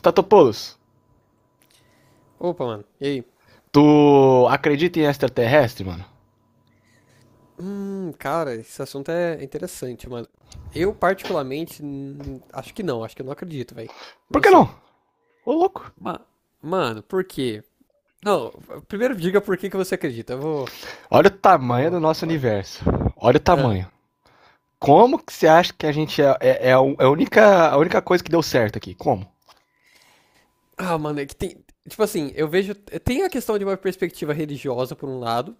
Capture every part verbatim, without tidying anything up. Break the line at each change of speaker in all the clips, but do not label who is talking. Statopoulos,
Opa, mano. E aí?
tu acredita em extraterrestre, mano?
Hum, cara, esse assunto é interessante, mano. Eu, particularmente, hum, acho que não. Acho que eu não acredito, velho.
Por que não?
Você.
Ô louco.
Ma- Mano, por quê? Não, primeiro diga por que que você acredita. Eu vou,
Olha o
eu
tamanho do
vou
nosso
falar depois.
universo. Olha o
Ah,
tamanho. Como que você acha que a gente é, é, é a é única, a única coisa que deu certo aqui? Como?
Ah, mano, é que tem. Tipo assim, eu vejo. Tem a questão de uma perspectiva religiosa, por um lado,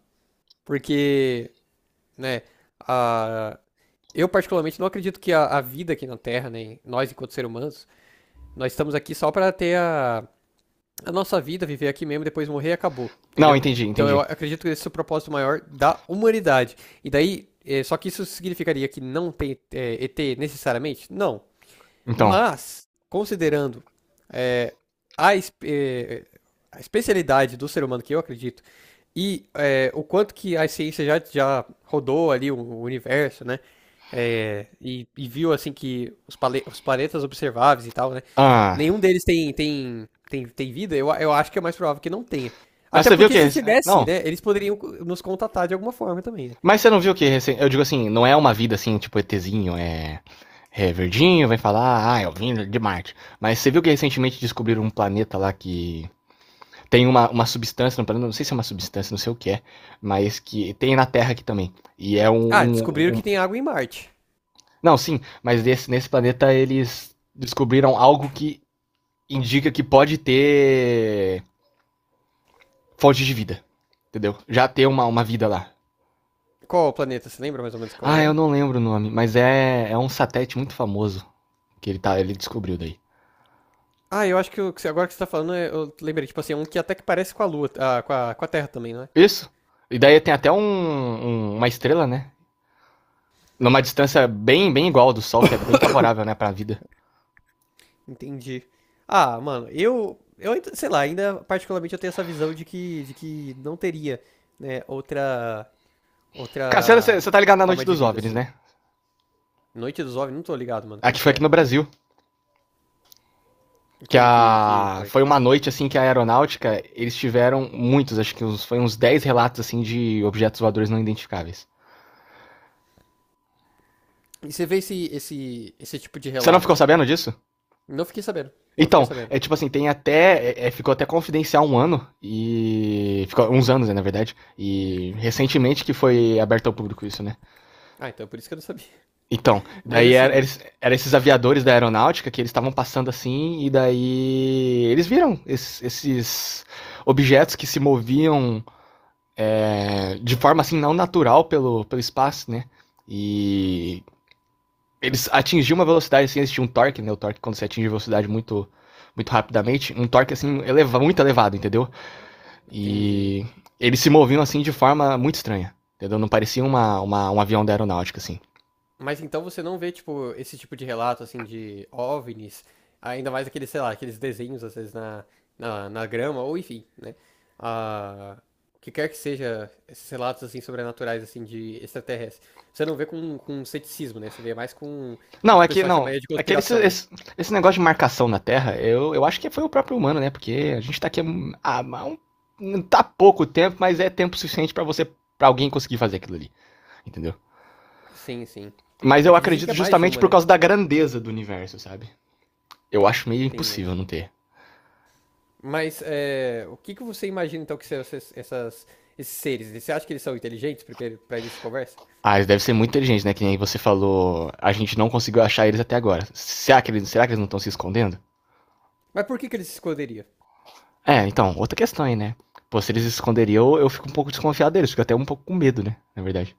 porque, né, a, eu, particularmente, não acredito que a, a vida aqui na Terra, nem nós, enquanto seres humanos, nós estamos aqui só para ter a. a nossa vida, viver aqui mesmo, depois morrer, e acabou,
Não,
entendeu?
entendi,
Então eu
entendi.
acredito que esse é o propósito maior da humanidade. E daí, eh, só que isso significaria que não tem eh, E T necessariamente? Não.
Então.
Mas, considerando é, a, espe- a especialidade do ser humano, que eu acredito, e é, o quanto que a ciência já, já rodou ali o, o universo, né? É, e, e viu assim que os, pale- os planetas observáveis e tal, né?
Ah.
Nenhum deles tem, tem, tem, tem vida, eu, eu acho que é mais provável que não tenha.
Mas
Até
você viu o
porque
que.
se tivesse,
Não.
né? Eles poderiam co- nos contatar de alguma forma também, né?
Mas você não viu o que recen- Eu digo assim, não é uma vida assim, tipo ETzinho, é. É verdinho, vai falar, ah, eu vim de Marte. Mas você viu que recentemente descobriram um planeta lá que tem uma, uma substância, no, não sei se é uma substância, não sei o que é, mas que tem na Terra aqui também. E é um,
Ah, descobriram
um-,
que
um-.
tem água em Marte.
Não, sim, mas nesse, nesse planeta eles descobriram algo que indica que pode ter fonte de vida. Entendeu? Já ter uma, uma vida lá.
Qual o planeta? Você lembra mais ou menos qual
Ah, eu
era?
não lembro o nome, mas é, é um satélite muito famoso que ele, tá, ele descobriu daí.
Ah, eu acho que o que você- agora que você tá falando, é- eu lembrei, tipo assim, é um que até que parece com a Lua, ah, com a, com a Terra também, não é?
Isso. E daí tem até um, um- uma estrela, né? Numa distância bem, bem igual ao do Sol, que é bem favorável, né, pra vida.
Entendi. Ah, mano, eu, eu, ainda- sei lá, ainda particularmente eu tenho essa visão de que, de que não teria, né, outra,
Cara, você- você
outra
você tá ligado na noite
forma de
dos
vida,
OVNIs,
assim.
né?
Noite dos OVNIs, não tô ligado, mano, como
Aqui
que
foi aqui
é?
no Brasil.
E
Que
como que, que
a.
foi?
Foi uma noite assim que a aeronáutica, eles tiveram muitos, acho que uns, foi uns dez relatos assim de objetos voadores não identificáveis.
E você vê esse, esse, esse tipo de
Você não ficou
relato?
sabendo disso?
Não fiquei sabendo, não fiquei
Então,
sabendo.
é tipo assim, tem até. é- é, ficou até confidencial um ano e. Ficou uns anos, né, na verdade. E recentemente que foi aberto ao público isso, né?
Ah, então é por isso que eu não sabia.
Então,
Mas
daí era,
assim,
era esses aviadores da aeronáutica que eles estavam passando assim, e daí eles viram esses, esses objetos que se moviam, é, de forma assim não natural pelo, pelo espaço, né? E eles atingiam uma velocidade assim, existia um torque, né? O torque quando você atinge velocidade muito muito rapidamente, um torque assim eleva, muito elevado, entendeu?
entendi.
E eles se moviam assim de forma muito estranha, entendeu? Não parecia uma, uma um avião da aeronáutica assim.
Mas então você não vê, tipo, esse tipo de relato, assim, de OVNIs, ainda mais aqueles, sei lá, aqueles desenhos, às vezes, na, na, na grama, ou enfim, né? Ah, o que quer que seja esses relatos, assim, sobrenaturais, assim, de extraterrestres. Você não vê com, com ceticismo, né? Você vê mais com o
Não,
que o
é que
pessoal
não,
chamaria de
é que esse,
conspiração, né?
esse, esse negócio de marcação na Terra, eu, eu acho que foi o próprio humano, né? Porque a gente tá aqui há, há um, tá pouco tempo, mas é tempo suficiente para você para alguém conseguir fazer aquilo ali, entendeu?
Sim, sim.
Mas
É
eu
que dizem que
acredito
é mais de
justamente
uma,
por
né?
causa da grandeza do universo, sabe? Eu acho meio
Tem. É.
impossível não ter.
Mas é, o que que você imagina, então, que são essas, essas- esses seres? Você acha que eles são inteligentes, primeiro, pra início de conversa?
Ah, eles devem ser muito inteligentes, né? Que nem você falou, a gente não conseguiu achar eles até agora. Será que eles, será que eles não estão se escondendo?
Mas por que que eles se esconderiam?
É, então, outra questão aí, né? Pô, se eles se esconderiam, eu, eu fico um pouco desconfiado deles, fico até um pouco com medo, né? Na verdade.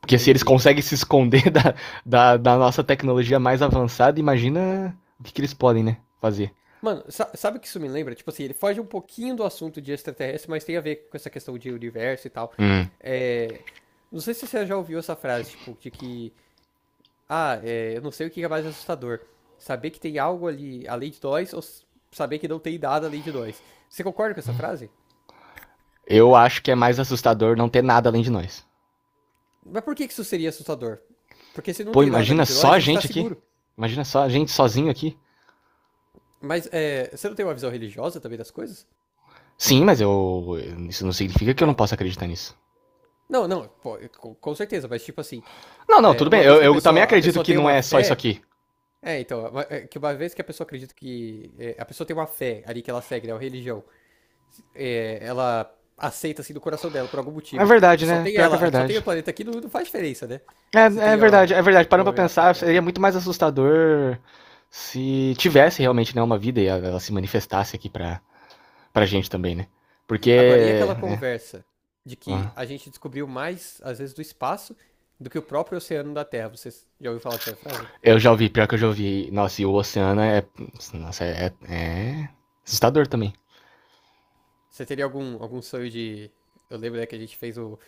Porque se eles
Entendi.
conseguem se esconder da, da, da nossa tecnologia mais avançada, imagina o que, que eles podem, né? Fazer.
Mano, sa- sabe o que isso me lembra? Tipo assim, ele foge um pouquinho do assunto de extraterrestre, mas tem a ver com essa questão de universo e tal.
Hum.
É, Não sei se você já ouviu essa frase, tipo, de que. Ah, é, eu não sei o que é mais assustador. Saber que tem algo ali além de nós ou s- saber que não tem nada além de nós. Você concorda com essa frase?
Eu acho que é mais assustador não ter nada além de nós.
Mas por que que isso seria assustador? Porque se não
Pô,
tem nada
imagina
além de
só
nós, a
a
gente tá
gente aqui.
seguro.
Imagina só a gente sozinho aqui.
Mas é, você não tem uma visão religiosa também das coisas?
Sim, mas eu. Isso não significa que eu não
Então.
possa acreditar nisso.
Não, não, pô, com, com certeza, mas tipo assim.
Não, não,
É,
tudo bem.
uma vez
Eu,
que a
eu também
pessoa, a
acredito
pessoa
que
tem
não
uma
é só isso
fé.
aqui.
É, então, é que uma vez que a pessoa acredita que. é, a pessoa tem uma fé ali que ela segue, né? Uma religião. é, ela aceita assim do coração dela, por algum
É
motivo. Que
verdade,
só
né?
tem
Pior que é
ela, só tem o
verdade.
planeta aqui, não, não faz diferença, né? Você
É, é
tem,
verdade,
ó,
é verdade.
boa
Parando pra
ameaça lá
pensar,
fora.
seria muito mais assustador se tivesse realmente, né, uma vida e ela se manifestasse aqui pra, pra gente também, né?
Agora, e
Porque,
aquela
né.
conversa de que a gente descobriu mais, às vezes, do espaço do que o próprio oceano da Terra? Você já ouviu falar dessa frase?
Eu já ouvi, pior que eu já ouvi. Nossa, e o oceano é. Nossa, é. é assustador também.
Você teria algum, algum sonho de. Eu lembro, né, que a gente fez o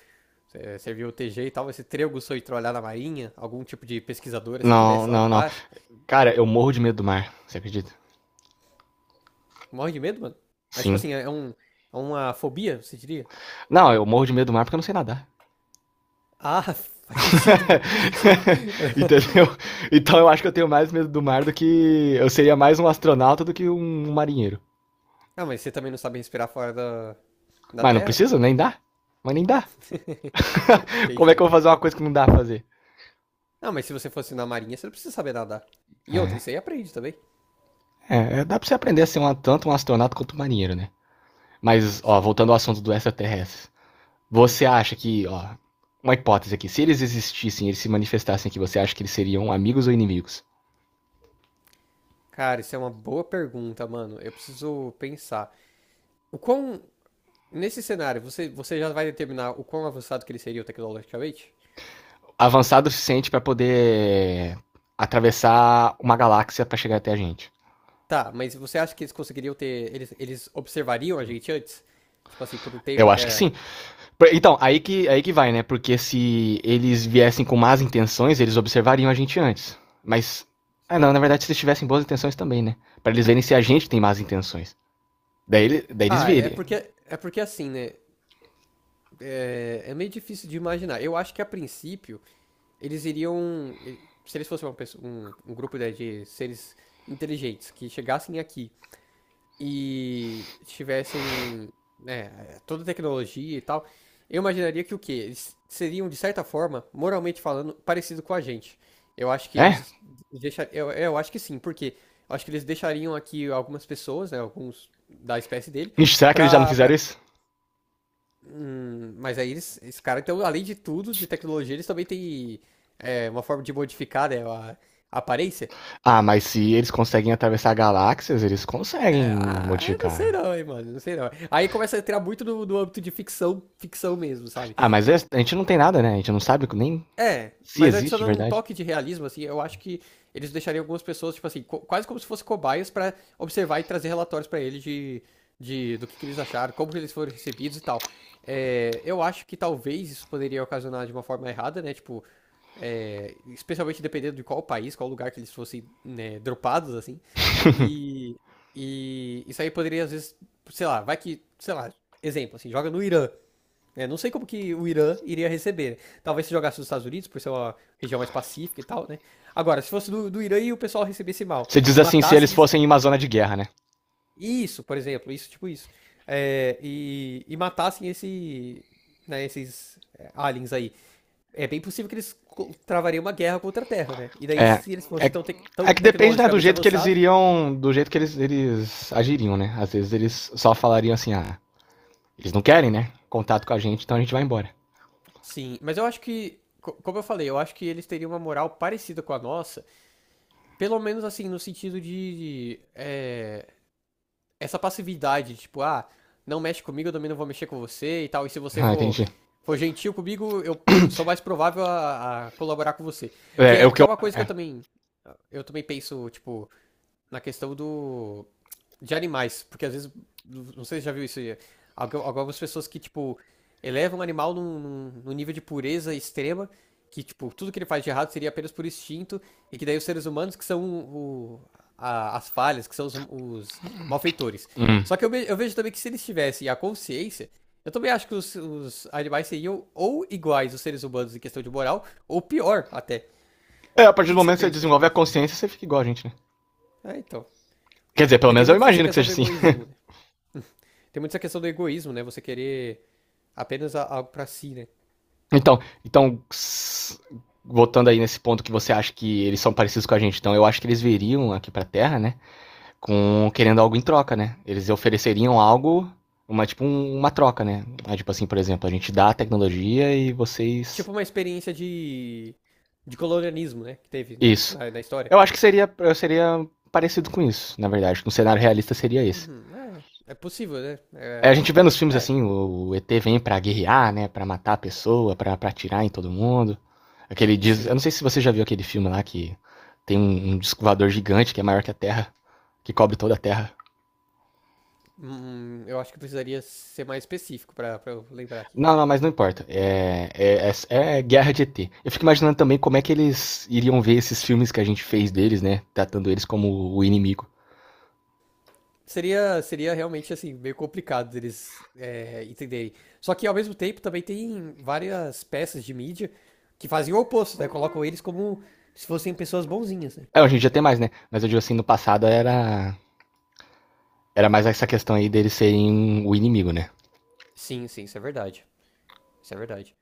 serviu o T G e tal, esse Trego foi trollar na marinha, algum tipo de pesquisador assim que
Não,
desce lá
não, não.
embaixo.
Cara, eu morro de medo do mar, você acredita?
Morre de medo, mano. Mas tipo
Sim.
assim, é, é um, é uma fobia, você diria?
Não, eu morro de medo do mar porque eu não sei nadar.
Ah, faz sentido, mano, faz sentido.
Entendeu? Então eu acho que eu tenho mais medo do mar do que. Eu seria mais um astronauta do que um um marinheiro.
Ah, mas você também não sabe respirar fora da, da
Mas não
terra?
precisa, nem dá. Mas nem dá. Como é que
Entendi.
eu vou fazer uma coisa que não dá pra fazer?
Ah, mas se você fosse na marinha, você não precisa saber nadar. E outra,
É,
isso aí aprende também.
é, é, dá pra você aprender a ser um, tanto um astronauta quanto um marinheiro, né? Mas, ó,
Sim.
voltando ao assunto do extraterrestre.
Hum.
Você acha que, ó, uma hipótese aqui, se eles existissem, eles se manifestassem aqui, você acha que eles seriam amigos ou inimigos?
Cara, isso é uma boa pergunta, mano. Eu preciso pensar. O quão. Nesse cenário, você, você já vai determinar o quão avançado que ele seria tecnologicamente?
Avançado o suficiente para poder atravessar uma galáxia para chegar até a gente.
Tá, mas você acha que eles conseguiriam ter. Eles, eles observariam a gente antes? Tipo assim, por um tempo
Eu acho que sim.
até.
Então, aí que, aí que vai, né? Porque se eles viessem com más intenções, eles observariam a gente antes. Mas. Ah,
Assim.
não, na verdade, se eles tivessem boas intenções também, né? Pra eles verem se a gente tem más intenções. Daí, daí eles
Ah, é
virem.
porque. É porque assim, né? É, é meio difícil de imaginar. Eu acho que a princípio, eles iriam. Se eles fossem uma pessoa- um, um grupo, né, de seres inteligentes que chegassem aqui e tivessem, né, toda a tecnologia e tal, eu imaginaria que o quê? Eles seriam, de certa forma, moralmente falando, parecido com a gente. Eu acho que
É?
eles deixar, eu, eu acho que sim, porque eu acho que eles deixariam aqui algumas pessoas, né, alguns da espécie dele,
Ixi, será que eles já não
pra,
fizeram
pra...
isso?
Hum, mas aí eles, esse cara, então, além de tudo, de tecnologia, eles também têm é, uma forma de modificar, né, a a aparência.
Ah, mas se eles conseguem atravessar galáxias, eles conseguem
É, ah, eu não sei
modificar.
não, hein, mano. Não sei não. Aí começa a entrar muito no, no âmbito de ficção, ficção mesmo, sabe?
Ah, mas é, a gente não tem nada, né? A gente não sabe nem
É,
se
mas
existe de
adicionando um
verdade.
toque de realismo, assim, eu acho que eles deixariam algumas pessoas, tipo assim, co- quase como se fossem cobaias pra observar e trazer relatórios pra eles de, de, do que, que eles acharam, como que eles foram recebidos e tal. É, eu acho que talvez isso poderia ocasionar de uma forma errada, né? Tipo, é, especialmente dependendo de qual país, qual lugar que eles fossem, né, dropados, assim. E, e isso aí poderia, às vezes, sei lá, vai que, sei lá, exemplo, assim, joga no Irã. Né? Não sei como que o Irã iria receber. Né? Talvez se jogasse nos Estados Unidos, por ser uma região mais pacífica e tal, né? Agora, se fosse do, do Irã e o pessoal recebesse mal,
Você diz
e
assim, se eles
matassem esse.
fossem em uma zona de guerra, né?
Isso, por exemplo, isso, tipo isso. É, e, e matassem esse, né, esses é, aliens aí. É bem possível que eles co- travariam uma guerra contra a Terra, né? E daí,
É.
se eles fossem
É,
tão, tec-
é
tão
que depende, né, do
tecnologicamente
jeito que eles
avançados,
iriam. Do jeito que eles, eles agiriam, né? Às vezes eles só falariam assim, ah, eles não querem, né, contato com a gente, então a gente vai embora.
sim. Mas eu acho que, co- como eu falei, eu acho que eles teriam uma moral parecida com a nossa, pelo menos assim, no sentido de, de, é, essa passividade, tipo, ah, não mexe comigo, eu também não vou mexer com você e tal. E se você
Ah,
for,
entendi.
for gentil comigo, eu sou mais provável a, a colaborar com você. Que
É, é o
é,
que
que é
eu.
uma coisa que eu
É.
também, eu também penso, tipo, na questão do de animais, porque às vezes, não sei se já viu isso aí, algu- algumas pessoas que, tipo, elevam o animal num, num- num nível de pureza extrema, que, tipo, tudo que ele faz de errado seria apenas por instinto, e que daí os seres humanos que são o- a- as falhas, que são os, os malfeitores.
Hum.
Só que eu, ve- eu vejo também que se eles tivessem a consciência, eu também acho que os, os animais seriam ou iguais aos seres humanos em questão de moral, ou pior até.
É, a
O
partir
que
do
que você
momento que você
pensa
desenvolve
sobre
a
isso?
consciência, você fica igual a gente, né?
É, então.
Quer dizer, pelo
Porque tem
menos eu
muito essa
imagino que
questão
seja
do
assim.
egoísmo, né? Tem muito essa questão do egoísmo, né? Você querer apenas a- algo pra si, né?
Então, então. Voltando aí nesse ponto, que você acha que eles são parecidos com a gente, então eu acho que eles viriam aqui pra Terra, né? Com, querendo algo em troca, né? Eles ofereceriam algo, uma, tipo um- uma troca, né? Ah, tipo assim, por exemplo, a gente dá a tecnologia e vocês
Tipo uma experiência de, de colonialismo, né? Que teve
isso.
na, na história.
Eu acho que seria eu seria parecido com isso, na verdade. Um cenário realista seria esse.
Uhum, é, é possível, né?
É, a
É,
gente vê nos filmes
é,
assim, o, o E T vem pra guerrear, né, pra matar a pessoa, pra pra atirar em todo mundo. Aquele diz, eu não
sim.
sei se você já viu aquele filme lá que tem um, um disco voador gigante que é maior que a Terra, que cobre toda a Terra.
Hum, eu acho que precisaria ser mais específico pra, pra eu lembrar aqui.
Não, não, mas não importa. É, é, é, é guerra de E T. Eu fico imaginando também como é que eles iriam ver esses filmes que a gente fez deles, né? Tratando eles como o inimigo.
Seria, seria realmente, assim, meio complicado deles é, entenderem. Só que, ao mesmo tempo, também tem várias peças de mídia que fazem o oposto, né? Colocam eles como se fossem pessoas bonzinhas, né?
É, hoje em dia tem mais, né? Mas eu digo assim, no passado era, era, mais essa questão aí deles serem o inimigo, né?
Sim, sim, isso é verdade. Isso é verdade.